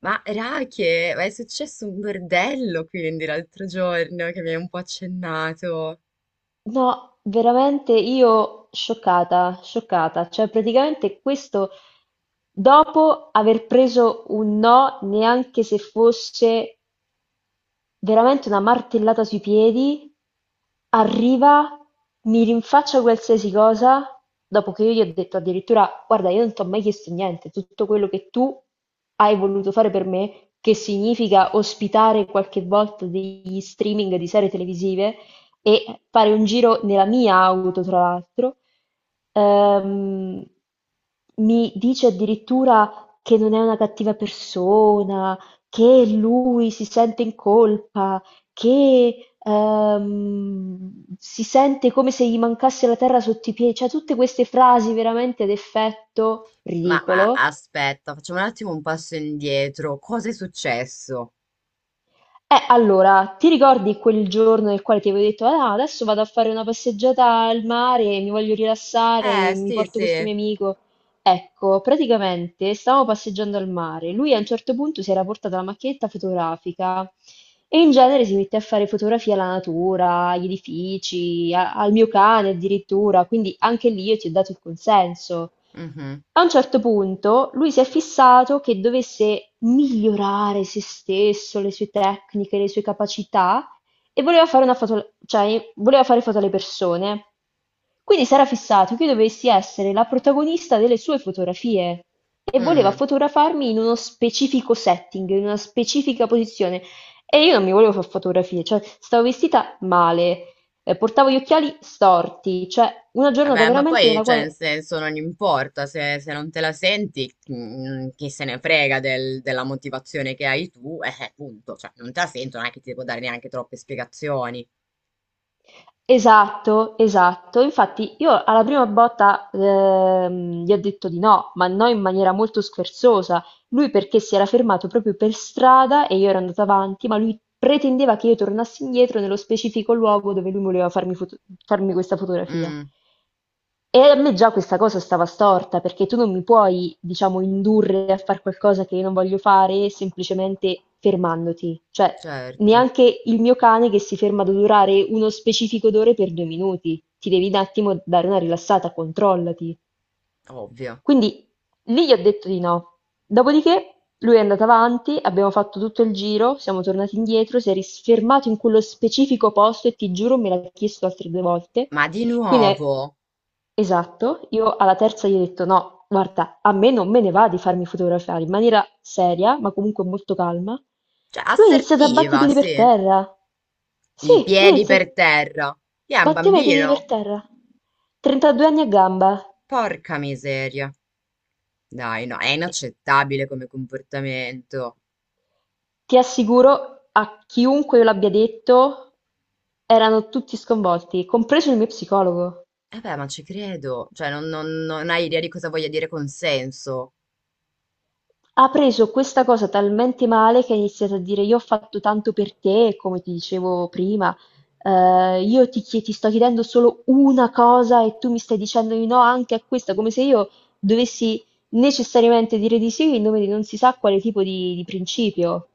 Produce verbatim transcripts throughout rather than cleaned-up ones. Ma Rache, ma è successo un bordello quindi l'altro giorno che mi hai un po' accennato. No, veramente io scioccata, scioccata, cioè praticamente questo dopo aver preso un no neanche se fosse veramente una martellata sui piedi, arriva, mi rinfaccia qualsiasi cosa, dopo che io gli ho detto addirittura, guarda, io non ti ho mai chiesto niente, tutto quello che tu hai voluto fare per me, che significa ospitare qualche volta degli streaming di serie televisive e fare un giro nella mia auto, tra l'altro, ehm, mi dice addirittura che non è una cattiva persona, che lui si sente in colpa, che, ehm, si sente come se gli mancasse la terra sotto i piedi, cioè tutte queste frasi veramente ad effetto Ma, ma ridicolo. aspetta, facciamo un attimo un passo indietro. Cosa è successo? Eh, allora, ti ricordi quel giorno nel quale ti avevo detto, ah, adesso vado a fare una passeggiata al mare, mi voglio rilassare, mi, Eh, mi sì, porto questo mio sì. amico. Ecco, praticamente stavamo passeggiando al mare, lui a un certo punto si era portato la macchinetta fotografica e in genere si mette a fare fotografie alla natura, agli edifici, a- al mio cane addirittura, quindi anche lì io ti ho dato il consenso. Mhm. A un certo punto lui si è fissato che dovesse migliorare se stesso, le sue tecniche, le sue capacità e voleva fare una foto, cioè voleva fare foto alle persone. Quindi si era fissato che io dovessi essere la protagonista delle sue fotografie e voleva mm. fotografarmi in uno specifico setting, in una specifica posizione. E io non mi volevo fare fotografie, cioè stavo vestita male, eh, portavo gli occhiali storti, cioè una giornata Vabbè, ma veramente poi, nella cioè, nel quale senso, non importa se, se non te la senti, mm, chi se ne frega del- della motivazione che hai tu, eh, eh, punto. Cioè, non te la sento, non è che ti devo dare neanche troppe spiegazioni. esatto, esatto. Infatti io alla prima botta ehm, gli ho detto di no, ma no in maniera molto scherzosa. Lui perché si era fermato proprio per strada e io ero andata avanti, ma lui pretendeva che io tornassi indietro nello specifico luogo dove lui voleva farmi foto- farmi questa fotografia. Mm, E a me già questa cosa stava storta, perché tu non mi puoi, diciamo, indurre a fare qualcosa che io non voglio fare semplicemente fermandoti. Cioè, certo. neanche il mio cane che si ferma ad odorare uno specifico odore per due minuti. Ti devi un attimo dare una rilassata, controllati. Ovvio. Quindi lì gli ho detto di no. Dopodiché lui è andato avanti, abbiamo fatto tutto il giro, siamo tornati indietro, si è risfermato in quello specifico posto e ti giuro me l'ha chiesto altre due volte. Ma di Quindi, è- nuovo? esatto, io alla terza gli ho detto no, guarda, a me non me ne va di farmi fotografare in maniera seria, ma comunque molto calma. Cioè, Lui ha iniziato a battere i assertiva, piedi per sì. terra. I Sì, lui ha piedi per iniziato... terra. Chi è un Batteva i piedi per bambino? terra. trentadue anni a gamba. Porca miseria. Dai, no, è inaccettabile come comportamento. Ti assicuro, a chiunque io l'abbia detto, erano tutti sconvolti, compreso il mio psicologo. Eh beh, ma ci credo. Cioè, non, non- non hai idea di cosa voglia dire consenso. Ha preso questa cosa talmente male che ha iniziato a dire: io ho fatto tanto per te, come ti dicevo prima, eh, io ti, chie- ti sto chiedendo solo una cosa e tu mi stai dicendo di no anche a questa, come se io dovessi necessariamente dire di sì in nome di non si sa quale tipo di, di principio.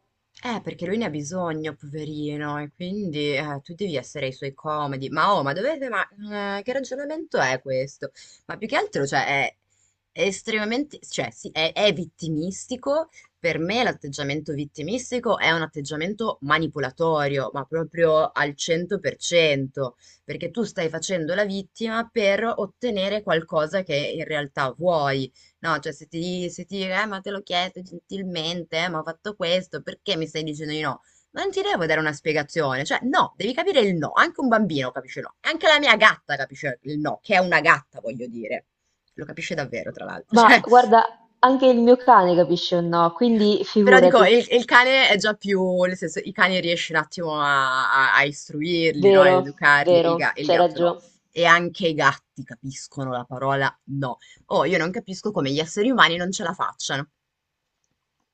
Eh, perché lui ne ha bisogno, poverino, e quindi eh, tu devi essere ai suoi comodi. Ma oh, ma dovete, ma eh, che ragionamento è questo? Ma più che altro, cioè, è è estremamente, cioè, sì, è, è vittimistico. Per me l'atteggiamento vittimistico è un atteggiamento manipolatorio, ma proprio al cento per cento, perché tu stai facendo la vittima per ottenere qualcosa che in realtà vuoi. No, cioè se ti, se ti dire: "Eh, ma te l'ho chiesto gentilmente, eh, ma ho fatto questo, perché mi stai dicendo di no? Non ti devo dare una spiegazione, cioè no, devi capire il no, anche un bambino capisce il no, anche la mia gatta capisce il no, che è una gatta, voglio dire. Lo capisce davvero, tra l'altro, Ma cioè, guarda, anche il mio cane capisce un no, quindi però dico, figurati. il, il cane è già più, nel senso, i cani riesci un attimo a, a- a istruirli, no? Ad Vero, educarli, il, vero, ga- il c'hai gatto no. ragione. E anche i gatti capiscono la parola no. Oh, io non capisco come gli esseri umani non ce la facciano.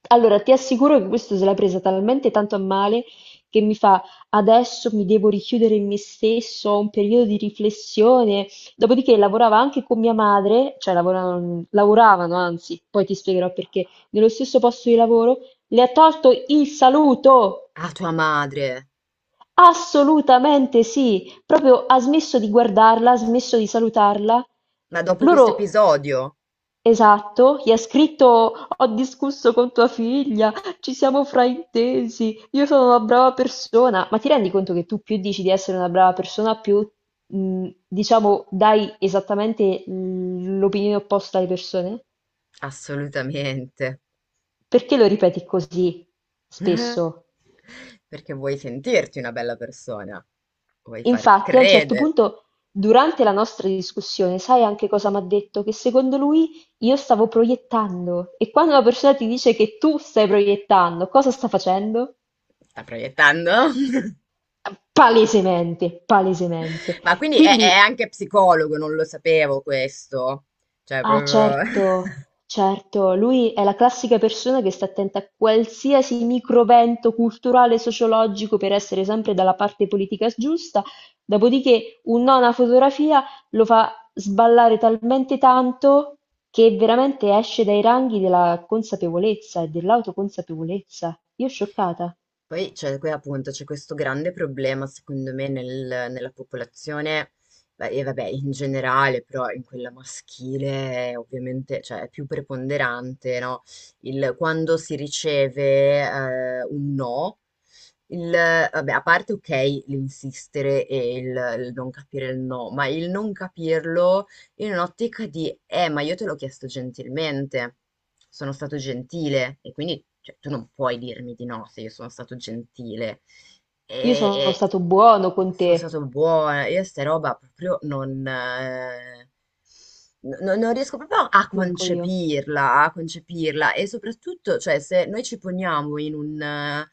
Allora, ti assicuro che questo se l'ha presa talmente tanto a male che mi fa adesso mi devo richiudere in me stesso, ho un periodo di riflessione. Dopodiché lavorava anche con mia madre, cioè lavoravano, lavoravano, anzi, poi ti spiegherò perché, nello stesso posto di lavoro, le ha tolto il saluto. Ah, tua madre! Assolutamente sì, proprio ha smesso di guardarla, ha smesso di salutarla. Ma dopo questo Loro episodio? esatto, gli ha scritto: ho discusso con tua figlia, ci siamo fraintesi, io sono una brava persona. Ma ti rendi conto che tu più dici di essere una brava persona, più mh, diciamo dai esattamente mh, l'opinione opposta alle persone? Assolutamente. Perché lo ripeti così spesso? Perché vuoi sentirti una bella persona. Vuoi far Infatti, a un certo credere. punto, durante la nostra discussione, sai anche cosa mi ha detto? Che secondo lui io stavo proiettando. E quando una persona ti dice che tu stai proiettando, cosa sta facendo? Sta proiettando? Palesemente, palesemente. Ma quindi è, è Quindi, anche psicologo, non lo sapevo questo. Cioè, ah proprio... certo, certo, lui è la classica persona che sta attenta a qualsiasi microvento culturale e sociologico per essere sempre dalla parte politica giusta, dopodiché un no a una fotografia lo fa sballare talmente tanto che veramente esce dai ranghi della consapevolezza e dell'autoconsapevolezza. Io scioccata. Poi c'è qui appunto c'è questo grande problema secondo me nel- nella popolazione, beh, e vabbè in generale però in quella maschile è ovviamente cioè, è più preponderante no? Il, quando si riceve eh, un no, il, vabbè, a parte ok l'insistere e il, il non capire il no, ma il non capirlo in un'ottica di, eh, ma io te l'ho chiesto gentilmente, sono stato gentile e quindi cioè, tu non puoi dirmi di no se io sono stato gentile Io sono e, stato buono e con sono te, stato buona, io sta roba proprio non, eh, no- non riesco proprio a manco io. concepirla, a concepirla e soprattutto, cioè, se noi ci poniamo in un, eh,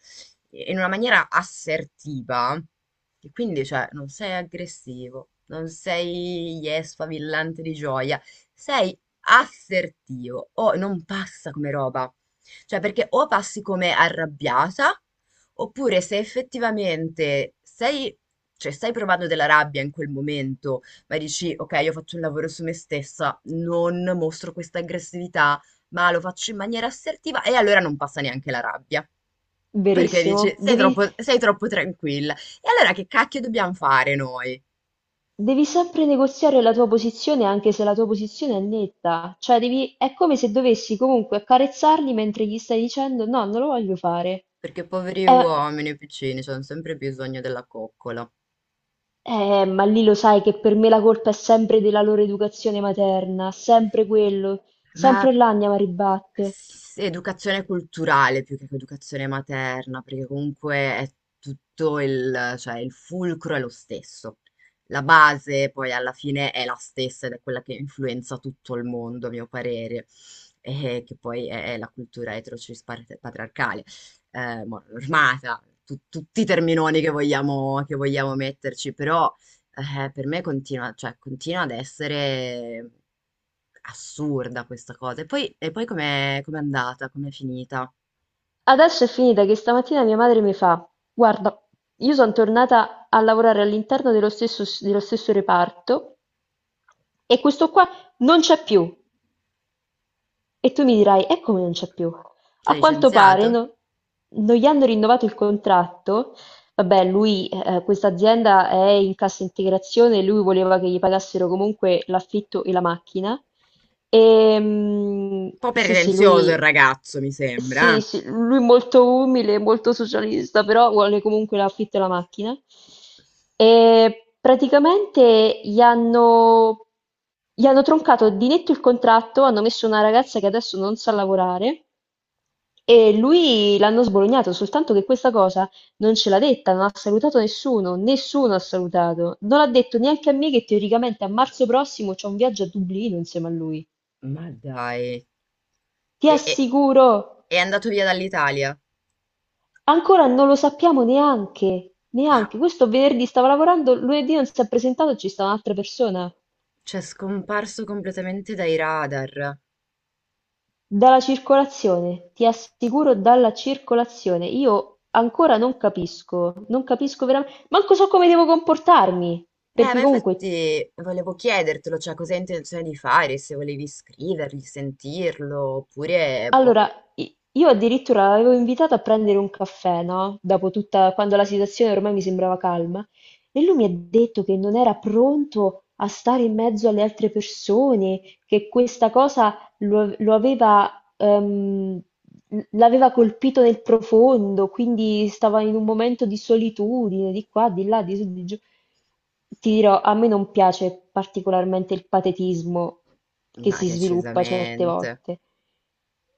in una maniera assertiva, e quindi, cioè, non sei aggressivo, non sei yes, sfavillante di gioia, sei assertivo o non passa come roba. Cioè, perché o passi come arrabbiata, oppure se effettivamente sei, cioè, stai provando della rabbia in quel momento ma dici, ok, io faccio un lavoro su me stessa, non mostro questa aggressività, ma lo faccio in maniera assertiva e allora non passa neanche la rabbia. Perché Verissimo. dici, sei Devi, troppo, sei troppo tranquilla. E allora che cacchio dobbiamo fare noi? Devi sempre negoziare la tua posizione anche se la tua posizione è netta, cioè devi, è come se dovessi comunque accarezzarli mentre gli stai dicendo no, non lo voglio fare. Perché poveri Eh, uomini piccini, hanno sempre bisogno della coccola. eh, ma lì lo sai che per me la colpa è sempre della loro educazione materna, sempre quello, Ma sempre là andiamo a ribatte. s- educazione culturale più che educazione materna, perché comunque è tutto il, cioè il fulcro è lo stesso. La base poi alla fine è la stessa ed è quella che influenza tutto il mondo, a mio parere, e che poi è, è la cultura eterocis pat- patriarcale, eh, mo- normata, tu- tutti i terminoni che vogliamo, che vogliamo metterci, però eh, per me continua, cioè, continua ad essere assurda questa cosa. E poi, e poi com'è com'è andata? Com'è finita? Adesso è finita che stamattina mia madre mi fa, guarda, io sono tornata a lavorare all'interno dello stesso, dello stesso reparto e questo qua non c'è più. E tu mi dirai: "E come non c'è più?" Ti ha A quanto licenziato? pare Un no, non gli hanno rinnovato il contratto. Vabbè, lui, eh, questa azienda è in cassa integrazione, lui voleva che gli pagassero comunque l'affitto e la macchina. E, mm, po' sì, sì, pretenzioso il lui, ragazzo, mi sembra, sì, eh? sì, lui molto umile, molto socialista, però vuole comunque l'affitto e la macchina. E praticamente gli hanno, gli hanno troncato di netto il contratto, hanno messo una ragazza che adesso non sa lavorare e lui l'hanno sbolognato, soltanto che questa cosa non ce l'ha detta, non ha salutato nessuno, nessuno ha salutato. Non ha detto neanche a me che teoricamente a marzo prossimo c'è un viaggio a Dublino insieme a lui. Ma dai. Ti E, e- assicuro, è andato via dall'Italia? ancora non lo sappiamo neanche, Ma, neanche. Questo venerdì stava lavorando, lunedì non si è presentato, ci sta un'altra persona. cioè, è scomparso completamente dai radar. Dalla circolazione, ti assicuro dalla circolazione. Io ancora non capisco, non capisco veramente, manco so come devo comportarmi, Eh, perché ma comunque infatti volevo chiedertelo, cioè, cosa hai intenzione di fare, se volevi scrivergli, sentirlo, oppure... Boh, allora, i- io addirittura l'avevo invitato a prendere un caffè, no? Dopo tutta, quando la situazione ormai mi sembrava calma, e lui mi ha detto che non era pronto a stare in mezzo alle altre persone, che questa cosa lo, lo aveva, ehm, l'aveva colpito nel profondo, quindi stava in un momento di solitudine, di qua, di là, di su, di giù. Ti dirò, a me non piace particolarmente il patetismo che ma si sviluppa certe decisamente. volte.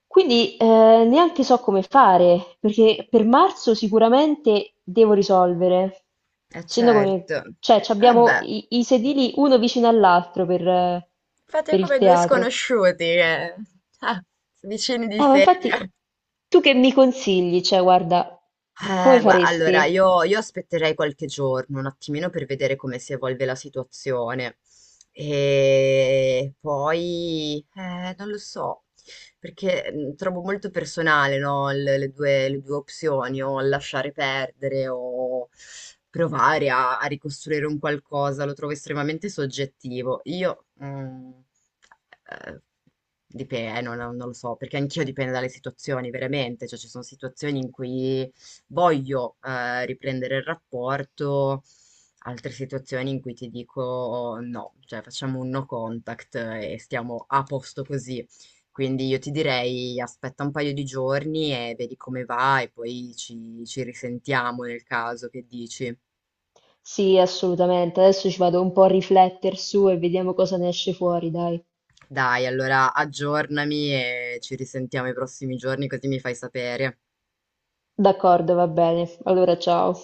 Quindi eh, neanche so come fare, perché per marzo sicuramente devo risolvere. Eh Essendo certo. come, cioè, ci Eh beh, abbiamo i, i sedili uno vicino all'altro per, eh, fate per il come due teatro. sconosciuti, che... ah, vicini di Eh, ma infatti, sedia. tu che mi consigli? Cioè, guarda, come Eh, gua- allora, faresti? io, io aspetterei qualche giorno, un attimino per vedere come si evolve la situazione. E poi, eh, non lo so, perché mh, trovo molto personale, no, le, le due, le due opzioni, o lasciare perdere o provare a, a ricostruire un qualcosa, lo trovo estremamente soggettivo. Io, mm, eh, dipende, non, non lo so, perché anch'io dipende dalle situazioni, veramente, cioè ci sono situazioni in cui voglio eh, riprendere il rapporto, altre situazioni in cui ti dico: "Oh, no, cioè facciamo un no contact e stiamo a posto così." Quindi io ti direi aspetta un paio di giorni e vedi come va e poi ci, ci risentiamo nel caso che dici. Sì, assolutamente. Adesso ci vado un po' a riflettere su e vediamo cosa ne esce fuori, dai. Dai, allora aggiornami e ci risentiamo i prossimi giorni così mi fai sapere. D'accordo, va bene. Allora, ciao.